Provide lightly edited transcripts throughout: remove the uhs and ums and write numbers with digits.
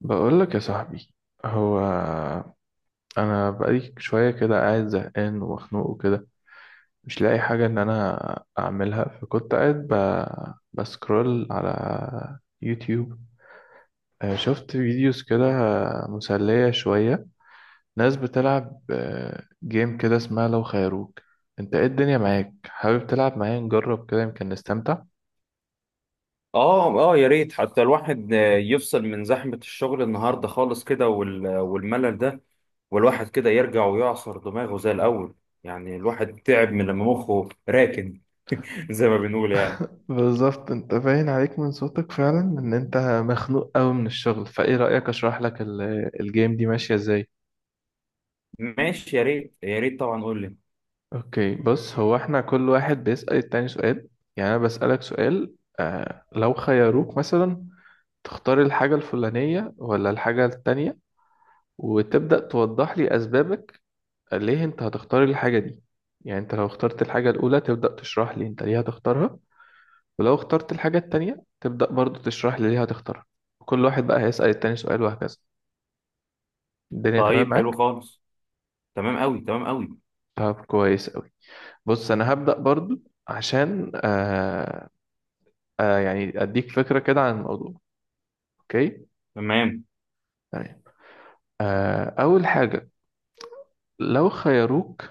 بقول لك يا صاحبي، هو انا بقالي شويه كده قاعد زهقان ومخنوق وكده، مش لاقي حاجه ان انا اعملها، فكنت قاعد بسكرول على يوتيوب. شفت فيديوز كده مسليه شويه، ناس بتلعب جيم كده اسمها لو خيروك. انت ايه الدنيا معاك، حابب تلعب معايا؟ نجرب كده، يمكن نستمتع. اه اه يا ريت حتى الواحد يفصل من زحمة الشغل النهاردة خالص كده والملل ده. والواحد كده يرجع ويعصر دماغه زي الأول. يعني الواحد تعب من لما مخه راكن. زي ما بنقول يعني. بالظبط، انت باين عليك من صوتك فعلا ان انت مخنوق قوي من الشغل. فايه رأيك اشرح لك الجيم دي ماشية ازاي؟ ماشي، يا ريت يا ريت طبعا، قول لي. اوكي، بص، هو احنا كل واحد بيسأل التاني سؤال. يعني انا بسألك سؤال، لو خيروك مثلا تختار الحاجة الفلانية ولا الحاجة التانية، وتبدأ توضح لي اسبابك ليه انت هتختار الحاجة دي. يعني انت لو اخترت الحاجة الاولى تبدأ تشرح لي انت ليه هتختارها، ولو اخترت الحاجة التانية تبدأ برضو تشرح لي ليه هتختارها. وكل واحد بقى هيسأل التاني سؤال وهكذا. الدنيا تمام طيب، حلو معاك؟ خالص. تمام قوي، تمام قوي. طب كويس أوي. بص، أنا هبدأ برضو عشان يعني أديك فكرة كده عن الموضوع. أوكي؟ تمام. تمام. أول حاجة، لو خيروك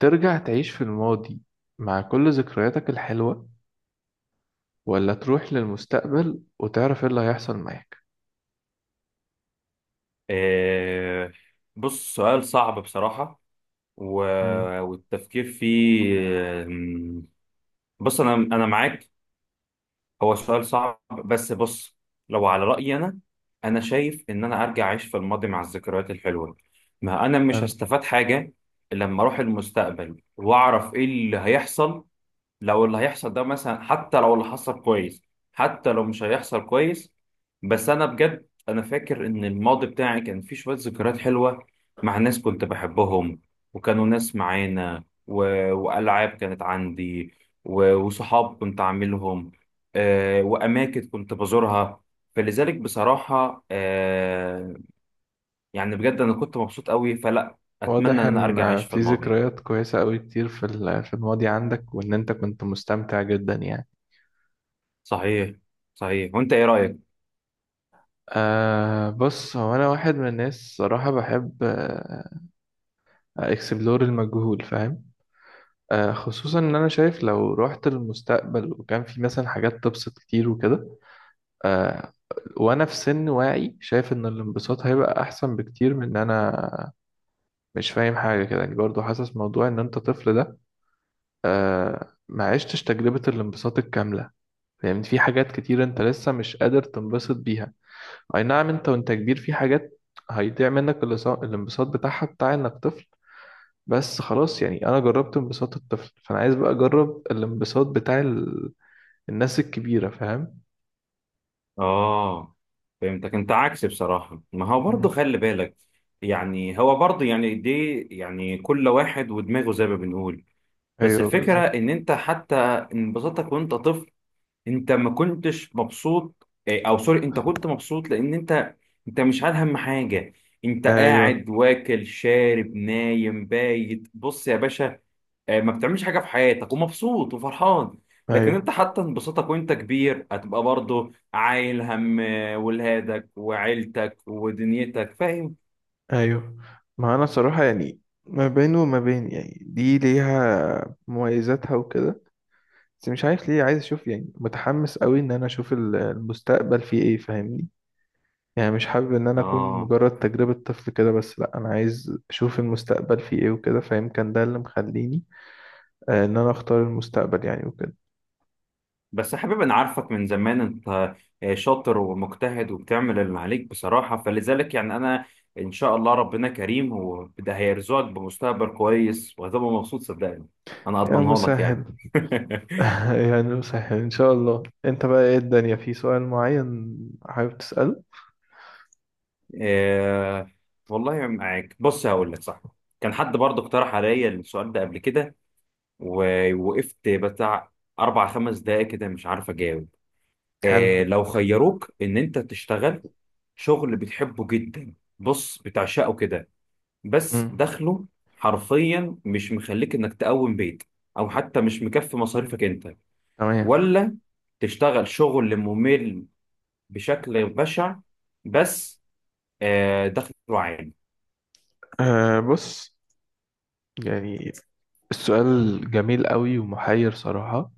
ترجع تعيش في الماضي مع كل ذكرياتك الحلوة، ولا تروح للمستقبل وتعرف ايه اللي هيحصل معاك؟ آه، بص، سؤال صعب بصراحة و... مم. والتفكير فيه. بص، انا معاك. هو سؤال صعب، بس بص، لو على رأيي أنا، أنا شايف إن أنا أرجع أعيش في الماضي مع الذكريات الحلوة. ما أنا مش هستفاد حاجة لما أروح المستقبل وأعرف إيه اللي هيحصل. لو اللي هيحصل ده مثلا، حتى لو اللي حصل كويس، حتى لو مش هيحصل كويس. بس انا بجد انا فاكر ان الماضي بتاعي كان فيه شوية ذكريات حلوة مع ناس كنت بحبهم، وكانوا ناس معانا، والعاب كانت عندي، وصحاب كنت عاملهم، واماكن كنت بزورها. فلذلك بصراحة، يعني بجد انا كنت مبسوط قوي، فلا اتمنى واضح ان انا ارجع ان اعيش في في الماضي. ذكريات كويسة قوي كتير في الماضي عندك، وان انت كنت مستمتع جدا يعني. صحيح. صحيح، وانت ايه رأيك؟ أه بص، هو انا واحد من الناس صراحة بحب اكسبلور المجهول، فاهم؟ أه خصوصا ان انا شايف لو رحت للمستقبل وكان في مثلا حاجات تبسط كتير وكده. أه وانا في سن واعي شايف ان الانبساط هيبقى احسن بكتير من ان انا مش فاهم حاجة كده يعني. برضو حاسس موضوع ان انت طفل ده أه ما عشتش تجربة الانبساط الكاملة. فاهمني، في حاجات كتير انت لسه مش قادر تنبسط بيها. اي نعم، انت وانت كبير في حاجات هيضيع منك الانبساط بتاعها بتاع انك طفل، بس خلاص يعني انا جربت انبساط الطفل، فانا عايز بقى اجرب الانبساط بتاع الناس الكبيرة، فاهم؟ اه، فهمتك. انت عكسي بصراحة. ما هو برضه مم. خلي بالك، يعني هو برضه يعني دي يعني كل واحد ودماغه زي ما بنقول. بس ايوه الفكرة بالظبط. ان انت حتى انبساطك وانت طفل، انت ما كنتش مبسوط او سوري، انت كنت مبسوط لان انت، انت مش عارف هم حاجة. انت ايوه، قاعد واكل شارب نايم بايت، بص يا باشا، ما بتعملش حاجه في حياتك ومبسوط وفرحان. لكن ايوه، انت حتى انبساطك وانت كبير هتبقى برضه عايل هم ولادك وعيلتك ودنيتك، فاهم؟ ايوه. ما انا صراحة يعني ما بين وما بين، يعني دي ليها مميزاتها وكده، بس مش عارف ليه عايز اشوف، يعني متحمس قوي ان انا اشوف المستقبل فيه ايه، فاهمني؟ يعني مش حابب ان انا اكون اه. مجرد تجربة طفل كده بس، لا انا عايز اشوف المستقبل فيه ايه وكده، فيمكن ده اللي مخليني ان انا اختار المستقبل يعني وكده. بس يا حبيبي، انا عارفك من زمان انت شاطر ومجتهد وبتعمل اللي عليك بصراحه. فلذلك يعني انا، ان شاء الله ربنا كريم وده هيرزقك بمستقبل كويس وهتبقى مبسوط، صدقني. انا يا اضمنها لك مسهل. يعني. يعني مسهل ان شاء الله. انت بقى ايه الدنيا، في سؤال معين حابب تسأله؟ إيه، والله معاك. بص، هقول لك صح. كان حد برضه اقترح عليا السؤال ده قبل كده، ووقفت بتاع اربع خمس دقايق كده مش عارف اجاوب. حلو. إيه، لو خيروك ان انت تشتغل شغل بتحبه جدا، بص، بتعشقه كده، بس امم. دخله حرفيا مش مخليك انك تقوم بيت، او حتى مش مكفي مصاريفك انت، تمام. ولا تشتغل شغل ممل بشكل بشع بس دخله عالي؟ أه بص يعني السؤال جميل قوي ومحير صراحة.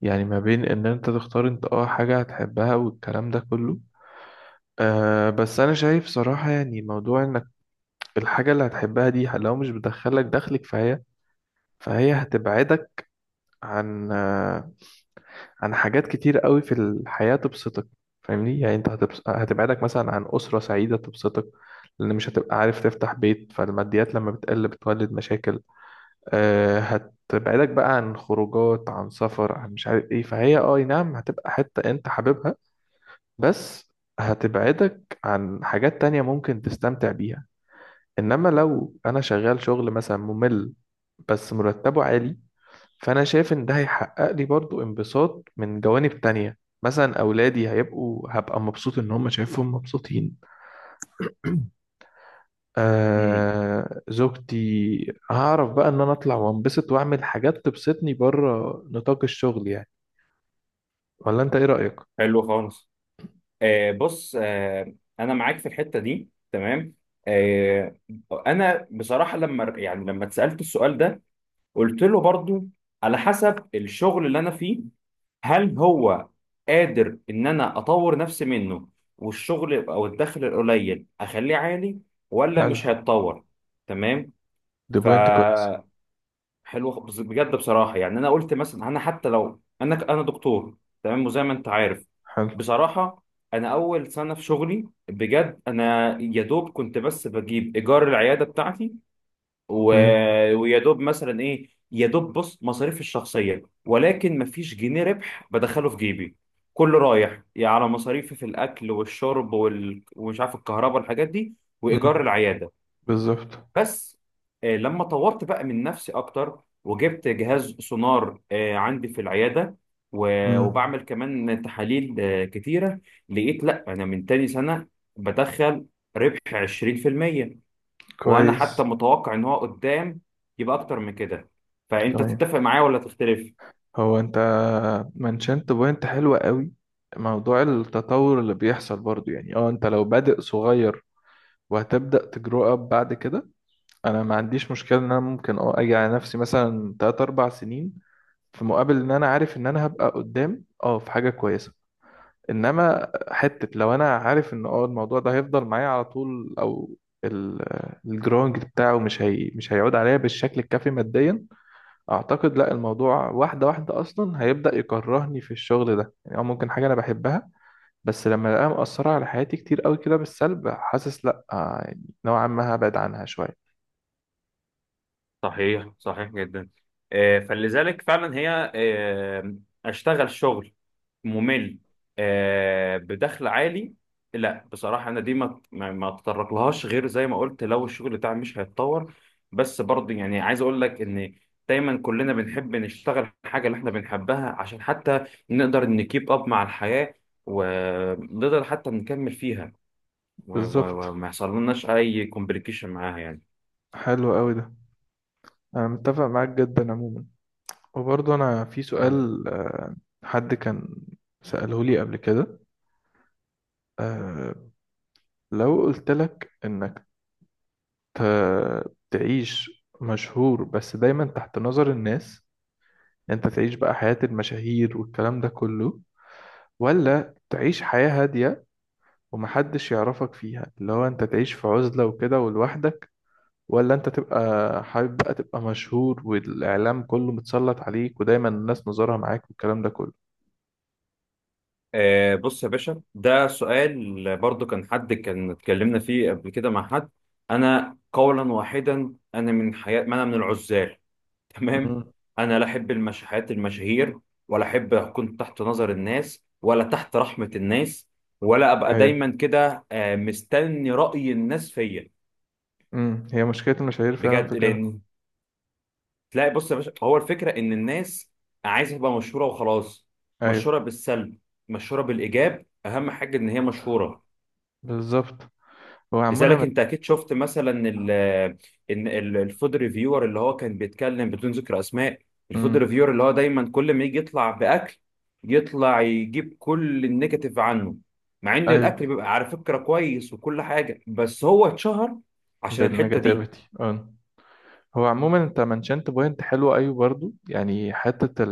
يعني ما بين ان انت تختار انت اه حاجة هتحبها والكلام ده كله، أه بس انا شايف صراحة يعني موضوع انك الحاجة اللي هتحبها دي لو مش بتدخلك دخلك، فهي هتبعدك عن عن حاجات كتير قوي في الحياة تبسطك. فاهمني؟ يعني انت هتبعدك مثلا عن أسرة سعيدة تبسطك، لأن مش هتبقى عارف تفتح بيت، فالماديات لما بتقل بتولد مشاكل. أه هتبعدك بقى عن خروجات، عن سفر، عن مش عارف ايه. فهي اه نعم هتبقى حتة انت حاببها، بس هتبعدك عن حاجات تانية ممكن تستمتع بيها. انما لو انا شغال شغل مثلا ممل بس مرتبه عالي، فانا شايف ان ده هيحقق لي برضو انبساط من جوانب تانية. مثلا اولادي هيبقوا، هبقى مبسوط ان هم شايفهم مبسوطين. آه زوجتي. هعرف بقى ان انا اطلع وانبسط واعمل حاجات تبسطني بره نطاق الشغل يعني. ولا انت ايه رأيك؟ حلو خالص. بص، انا معاك في الحته دي، تمام. آه، انا بصراحه لما يعني لما اتسالت السؤال ده، قلت له برضو على حسب الشغل اللي انا فيه. هل هو قادر ان انا اطور نفسي منه والشغل او الدخل القليل اخليه عالي، ولا حلو. مش هيتطور؟ تمام. دي ف، بوينت كويس. حلو بس بجد بصراحه يعني انا قلت مثلا، انا حتى لو انا انا دكتور، تمام، وزي ما انت عارف. حلو. بصراحه انا اول سنه في شغلي بجد انا يا دوب كنت بس بجيب ايجار العياده بتاعتي، و... امم. ويا دوب مثلا ايه، يا دوب بص مصاريفي الشخصيه، ولكن مفيش جنيه ربح بدخله في جيبي، كله رايح يعني على مصاريفي في الاكل والشرب ومش عارف الكهرباء والحاجات دي، وايجار العياده. بالظبط. بس لما طورت بقى من نفسي اكتر وجبت جهاز سونار عندي في العياده، امم. وبعمل كمان تحاليل كتيره، لقيت لا انا من تاني سنه بدخل ربح 20%. وانا حتى كويس. متوقع ان هو قدام يبقى اكتر من كده. فانت تمام. تتفق معايا ولا تختلف؟ هو انت منشنت بوينت حلوة قوي، موضوع التطور اللي بيحصل برضو. يعني اه انت لو بادئ صغير وهتبدأ تجرو اب بعد كده، انا ما عنديش مشكلة ان انا ممكن اه اجي على نفسي مثلا 3 4 سنين في مقابل ان انا عارف ان انا هبقى قدام اه في حاجة كويسة. انما حتة لو انا عارف ان اه الموضوع ده هيفضل معايا على طول، او الجرونج بتاعه مش هيعود عليا بالشكل الكافي ماديا، اعتقد لا. الموضوع واحده واحده اصلا هيبدا يكرهني في الشغل ده يعني. او ممكن حاجه انا بحبها بس لما الاقيها مأثره على حياتي كتير قوي كده بالسلب، حاسس لا يعني نوعا ما هبعد عنها شويه. صحيح، صحيح جدا. فلذلك فعلا هي اشتغل شغل ممل بدخل عالي؟ لا بصراحة أنا دي ما أتطرقلهاش غير زي ما قلت لو الشغل بتاعي مش هيتطور. بس برضه يعني عايز أقول لك إن دايما كلنا بنحب نشتغل الحاجة اللي إحنا بنحبها عشان حتى نقدر نكيب أب مع الحياة، ونقدر حتى نكمل فيها، بالظبط. وما يحصل لناش أي كومبليكيشن معاها يعني. حلو قوي ده. انا متفق معاك جدا عموما. وبرضه انا في سؤال، حد كان سأله لي قبل كده. آه، لو قلت لك انك تعيش مشهور بس دايما تحت نظر الناس، انت تعيش بقى حياة المشاهير والكلام ده كله، ولا تعيش حياة هادية ومحدش يعرفك فيها، اللي هو انت تعيش في عزلة وكده ولوحدك؟ ولا انت تبقى حابب بقى تبقى مشهور، والإعلام كله متسلط عليك ودايما الناس نظرها معاك والكلام ده كله؟ بص يا باشا، ده سؤال برضو كان حد كان اتكلمنا فيه قبل كده مع حد. انا قولا واحدا انا من حياة، ما انا من العزال. تمام. مم. انا لا احب حياة المشاهير، ولا احب اكون تحت نظر الناس ولا تحت رحمة الناس، ولا ابقى ايوه. دايما كده مستني رأي الناس فيا. امم، هي مشكلة المشاهير فعلا بجد، في كده. لان تلاقي، بص يا باشا، هو الفكرة ان الناس عايزة تبقى مشهورة وخلاص. ايوه مشهورة بالسلب، مشهورة بالإيجاب، أهم حاجة إن هي مشهورة. بالظبط. هو عموما لذلك انت اكيد شفت مثلا الفود ريفيور اللي هو كان بيتكلم بدون ذكر اسماء، الفود امم. ريفيور اللي هو دايما كل ما يجي يطلع باكل يطلع يجيب كل النيجاتيف عنه، مع ان الاكل ايوه بيبقى على فكره كويس وكل حاجه، بس هو اتشهر عشان الحته دي. بالنيجاتيفيتي، اه. هو عموما انت منشنت بوينت حلوة. ايوه برضو يعني حتة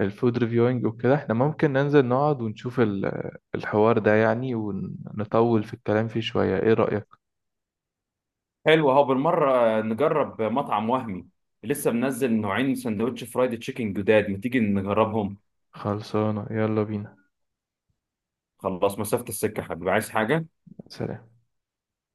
الفود ريفيوينج وكده، احنا ممكن ننزل نقعد ونشوف الحوار ده يعني ونطول في الكلام فيه شوية. ايه رأيك؟ حلو، اهو بالمره نجرب مطعم وهمي. لسه منزل نوعين سندوتش فرايد تشيكن جداد، ما تيجي نجربهم. خلصانة، يلا بينا. خلاص، مسافه السكه يا حبيبي، عايز حاجه؟ سلام.